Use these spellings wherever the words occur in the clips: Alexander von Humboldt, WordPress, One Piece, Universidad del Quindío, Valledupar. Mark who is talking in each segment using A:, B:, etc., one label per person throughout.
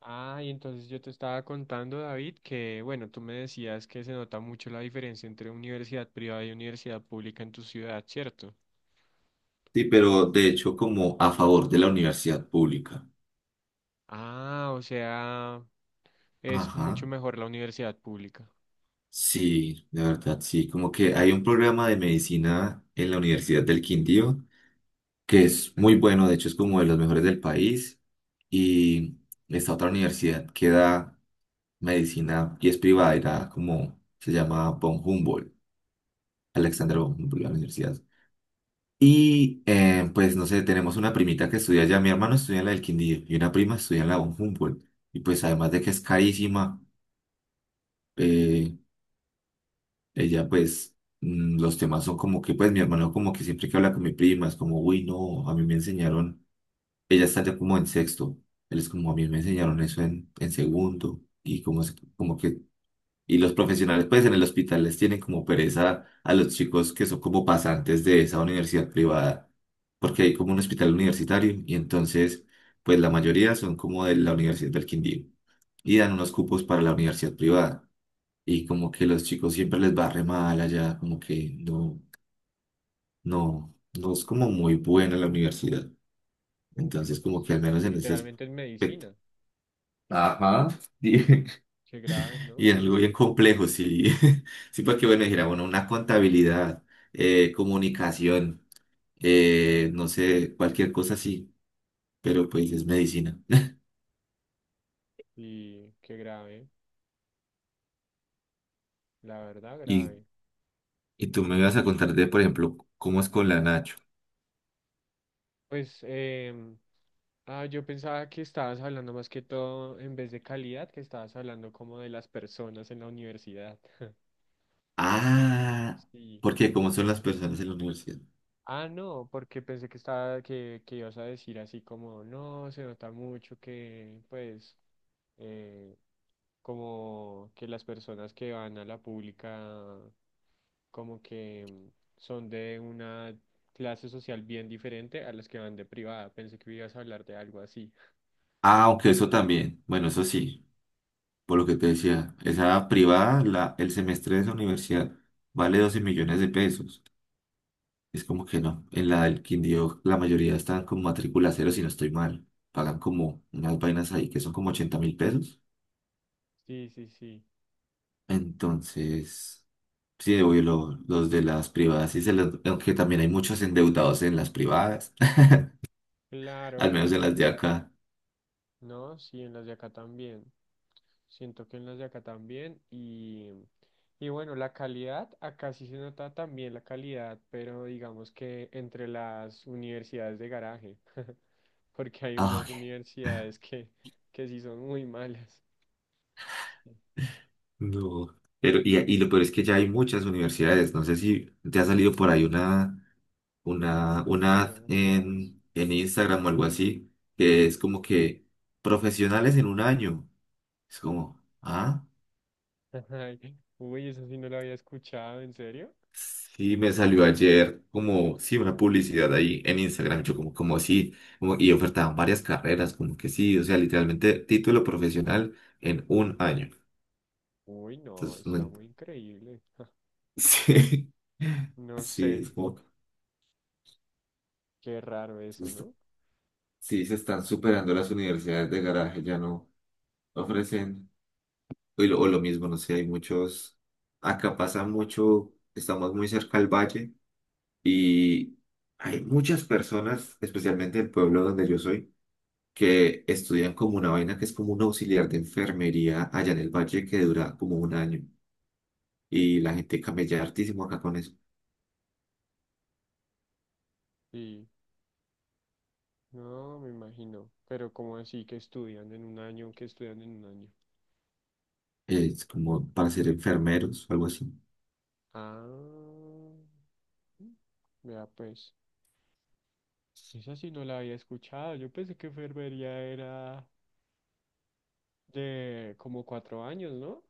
A: Ah, y entonces yo te estaba contando, David, que bueno, tú me decías que se nota mucho la diferencia entre universidad privada y universidad pública en tu ciudad, ¿cierto?
B: Sí, pero de hecho como a favor de la universidad pública.
A: Ah, o sea, es mucho
B: Ajá.
A: mejor la universidad pública.
B: Sí, de verdad, sí. Como que hay un programa de medicina en la Universidad del Quindío que es muy bueno, de hecho es como de los mejores del país. Y esta otra universidad que da medicina y es privada, era como se llama von Humboldt, Alexander von Humboldt, la universidad. Y pues no sé, tenemos una primita que estudia allá, mi hermano estudia en la del Quindío y una prima estudia en la von Humboldt. Y pues además de que es carísima. eh, ella pues los temas son como que pues mi hermano como que siempre que habla con mi prima es como, uy, no, a mí me enseñaron, ella está ya como en sexto, él es como, a mí me enseñaron eso en segundo y como, como que, y los profesionales pues en el hospital les tienen como pereza a los chicos que son como pasantes de esa universidad privada, porque hay como un hospital universitario y entonces pues la mayoría son como de la Universidad del Quindío y dan unos cupos para la universidad privada y como que los chicos siempre les va re mal allá, como que no, no es
A: Uy,
B: como muy buena la universidad.
A: uy,
B: Entonces, como
A: Dios.
B: que al menos
A: Y
B: en ese
A: literalmente en
B: aspecto.
A: medicina.
B: Ajá. Sí.
A: Qué grave, ¿no?
B: Y en algo bien complejo, sí. Sí, porque bueno, dijera, bueno, una contabilidad, comunicación, no sé, cualquier cosa así, pero pues es medicina.
A: Y qué grave, la verdad,
B: Y,
A: grave.
B: y tú me vas a contar de, por ejemplo, cómo es con la Nacho.
A: Pues, ah, yo pensaba que estabas hablando más que todo, en vez de calidad, que estabas hablando como de las personas en la universidad.
B: Ah,
A: Sí.
B: porque cómo son las personas en la universidad.
A: Ah, no, porque pensé que estaba, que ibas a decir así como, no, se nota mucho que, pues, eh, como que las personas que van a la pública, como que son de una clase social bien diferente a las que van de privada. Pensé que ibas a hablar de algo así.
B: Ah, aunque eso también. Bueno, eso sí, por lo que te decía, esa privada, la, el semestre de esa universidad vale 12 millones de pesos. Es como que no. En la del Quindío, la mayoría están con matrícula cero, si no estoy mal. Pagan como unas vainas ahí que son como 80.000 pesos.
A: Sí, sí, sí.
B: Entonces, sí, obvio, los de las privadas, sí se les- aunque también hay muchos endeudados en las privadas,
A: Claro,
B: al
A: ja.
B: menos en las de acá.
A: No, sí, en las de acá también. Siento que en los de acá también. Y bueno, la calidad, acá sí se nota también la calidad, pero digamos que entre las universidades de garaje, porque hay
B: Ah,
A: unas
B: ok.
A: universidades que sí son muy malas. Sí,
B: No, pero
A: sí,
B: y lo peor es que ya hay muchas universidades. No sé si te ha salido por ahí una, una
A: hay
B: ad
A: demasiados.
B: en Instagram o algo así, que es como que profesionales en un año. Es como, ah,
A: Ay, uy, eso sí no lo había escuchado, ¿en serio?
B: sí, me salió ayer como, sí, una publicidad ahí en Instagram. Yo como, como sí, como, y ofertaban varias carreras, como que sí, o sea, literalmente título profesional en un año.
A: Uy, no,
B: Entonces,
A: está
B: no-
A: muy increíble.
B: sí,
A: No sé,
B: sí, es como...
A: qué raro eso, ¿no?
B: Sí, se están superando las universidades de garaje, ya no ofrecen, o lo mismo, no sé, hay muchos, acá pasa mucho, estamos muy cerca al valle y hay muchas personas, especialmente en el pueblo donde yo soy, que estudian como una vaina que es como un auxiliar de enfermería allá en el valle que dura como un año y la gente camella hartísimo acá con eso,
A: Sí, no, me imagino. Pero como así que estudian en un año, que estudian en un año.
B: es como para ser enfermeros o algo así.
A: Ah, vea pues, esa sí no la había escuchado. Yo pensé que enfermería era de como cuatro años, ¿no?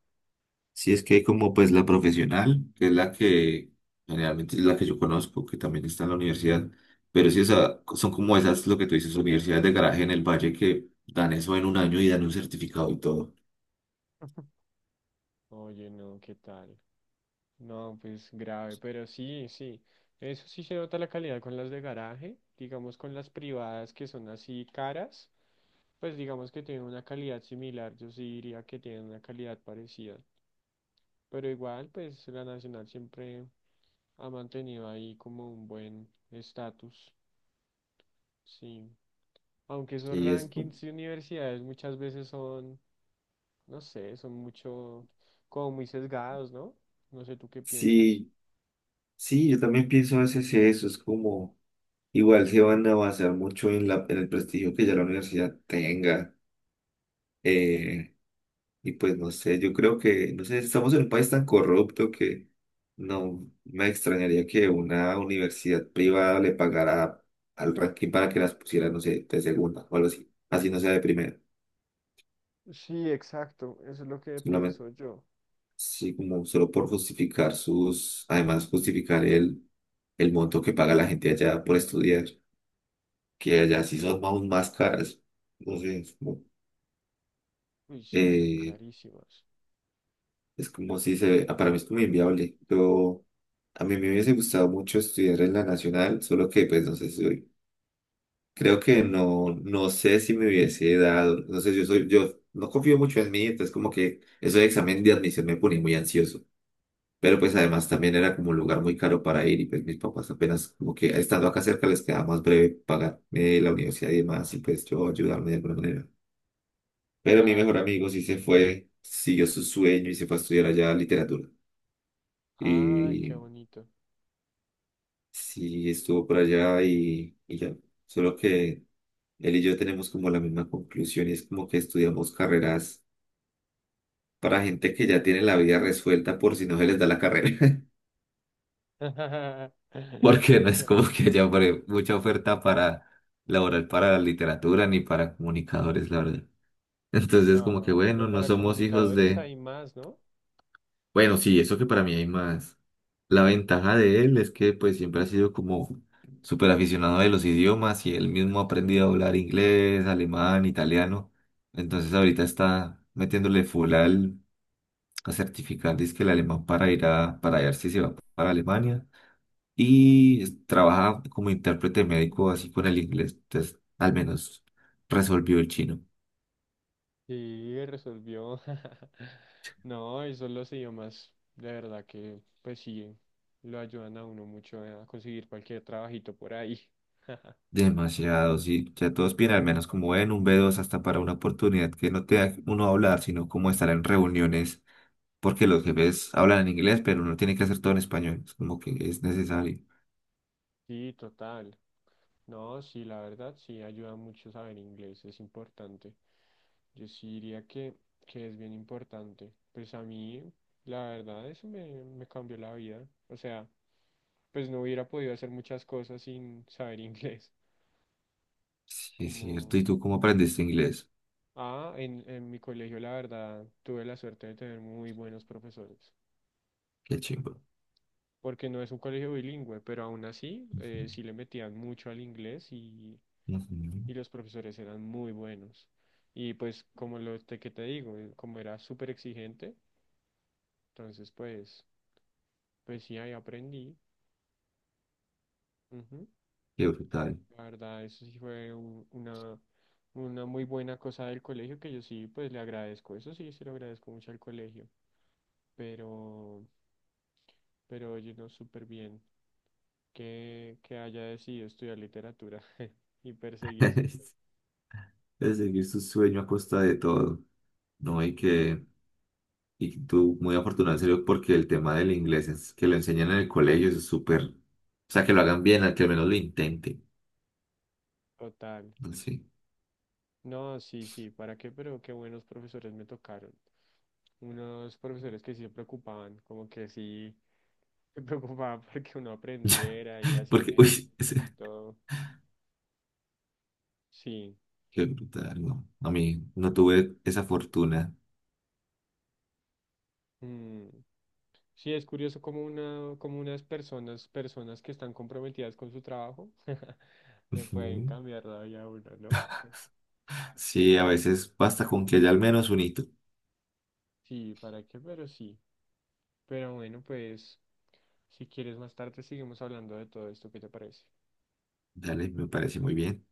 B: Sí, es que hay como pues la profesional, que es la que generalmente es la que yo conozco, que también está en la universidad, pero sí, o sea, son como esas, lo que tú dices, universidades de garaje en el valle que dan eso en un año y dan un certificado y todo.
A: Oye, no, ¿qué tal? No, pues grave, pero sí, sí. Eso sí se nota la calidad con las de garaje, digamos con las privadas que son así caras, pues digamos que tienen una calidad similar, yo sí diría que tienen una calidad parecida. Pero igual, pues la Nacional siempre ha mantenido ahí como un buen estatus, sí. Aunque esos
B: Sí, es como-
A: rankings de universidades muchas veces son, no sé, son mucho, como muy sesgados, ¿no? No sé tú qué piensas.
B: Sí, sí, yo también pienso a veces eso, es como, igual se van a basar mucho en la, en el prestigio que ya la universidad tenga. Y pues no sé, yo creo que, no sé, estamos en un país tan corrupto que no me extrañaría que una universidad privada le pagara al ranking para que las pusiera, no sé, de segunda o algo así. Así no sea de primera.
A: Sí, exacto, eso es lo que
B: Solamente,
A: pienso yo.
B: sí, como solo por justificar sus, además justificar el monto que paga la gente allá por estudiar, que allá sí son aún más caras. No sé,
A: Uy, sí, son
B: eh,
A: carísimas.
B: es como si se, ah, para mí es como inviable. Yo A mí me hubiese gustado mucho estudiar en la nacional, solo que pues no sé si soy- creo que no, no sé si me hubiese dado, no sé, yo soy, yo no confío mucho en mí, entonces como que eso de examen de admisión me ponía muy ansioso, pero pues además también era como un lugar muy caro para ir y pues mis papás apenas como que estando acá cerca les quedaba más breve pagarme la universidad y demás y pues yo ayudarme de alguna manera. Pero mi
A: Claro.
B: mejor amigo sí se fue, siguió su sueño y se fue a estudiar allá literatura.
A: Ay, qué
B: Y
A: bonito.
B: Sí, estuvo por allá y ya. Solo que él y yo tenemos como la misma conclusión y es como que estudiamos carreras para gente que ya tiene la vida resuelta por si no se les da la carrera. Porque no es como que haya mucha oferta para laboral para la literatura ni para comunicadores, la verdad. Entonces, como que
A: No, pero
B: bueno, no
A: para
B: somos hijos
A: comunicadores
B: de.
A: hay más, ¿no?
B: Bueno, sí, eso que para mí hay más. La ventaja de él es que pues siempre ha sido como súper aficionado de los idiomas y él mismo ha aprendido a hablar inglés, alemán, italiano. Entonces ahorita está metiéndole full al a certificar dizque el alemán para ir a, para ver si se va para Alemania. Y es- trabaja como intérprete médico así con el inglés. Entonces, al menos resolvió el chino.
A: Sí, resolvió. No, y son los idiomas, de verdad que, pues sí, lo ayudan a uno mucho a conseguir cualquier trabajito por ahí.
B: Demasiado, sí. Ya todos piden al menos como en un B2 hasta para una oportunidad que no te da uno hablar, sino como estar en reuniones, porque los jefes hablan en inglés, pero uno tiene que hacer todo en español. Es como que es necesario.
A: Sí, total. No, sí, la verdad, sí, ayuda mucho saber inglés, es importante. Yo sí diría que es bien importante. Pues a mí, la verdad, me cambió la vida. O sea, pues no hubiera podido hacer muchas cosas sin saber inglés,
B: Sí, es cierto.
A: como
B: ¿Y tú cómo aprendiste inglés?
A: ah, en mi colegio, la verdad, tuve la suerte de tener muy buenos profesores,
B: Qué chingo.
A: porque no es un colegio bilingüe, pero aún así
B: Ujú,
A: sí le metían mucho al inglés
B: ujú.
A: y los profesores eran muy buenos. Y pues como que te digo, como era súper exigente, entonces pues, pues sí, ahí aprendí. Ujú.
B: Qué brutal.
A: La verdad, eso sí una muy buena cosa del colegio que yo sí, pues le agradezco. Eso sí, se lo agradezco mucho al colegio, pero, pero oye, no, súper bien. Que haya decidido estudiar literatura y perseguir sus sueños.
B: Es seguir su sueño a costa de todo. No, y
A: Y
B: que, y tú muy afortunado en serio porque el tema del inglés es que lo enseñan en el colegio, eso es súper, o sea, que lo hagan bien, al que al menos lo intenten.
A: total.
B: Sí.
A: No, sí, sí, ¿para qué? Pero qué buenos profesores me tocaron. Unos profesores que sí se preocupaban, como que sí se preocupaban porque uno aprendiera y hacían
B: Porque, uy,
A: ejercicios
B: ese-
A: y todo. Sí.
B: qué brutal, no. A mí no tuve esa fortuna.
A: Mm. Sí, es curioso como una, como unas personas, personas que están comprometidas con su trabajo, le pueden
B: Ujú.
A: cambiar la vida a uno, ¿no?
B: Sí, a veces basta con que haya al menos un hito.
A: Sí, ¿para qué? Pero sí. Pero bueno, pues si quieres más tarde seguimos hablando de todo esto, ¿qué te parece?
B: Dale, me parece muy bien.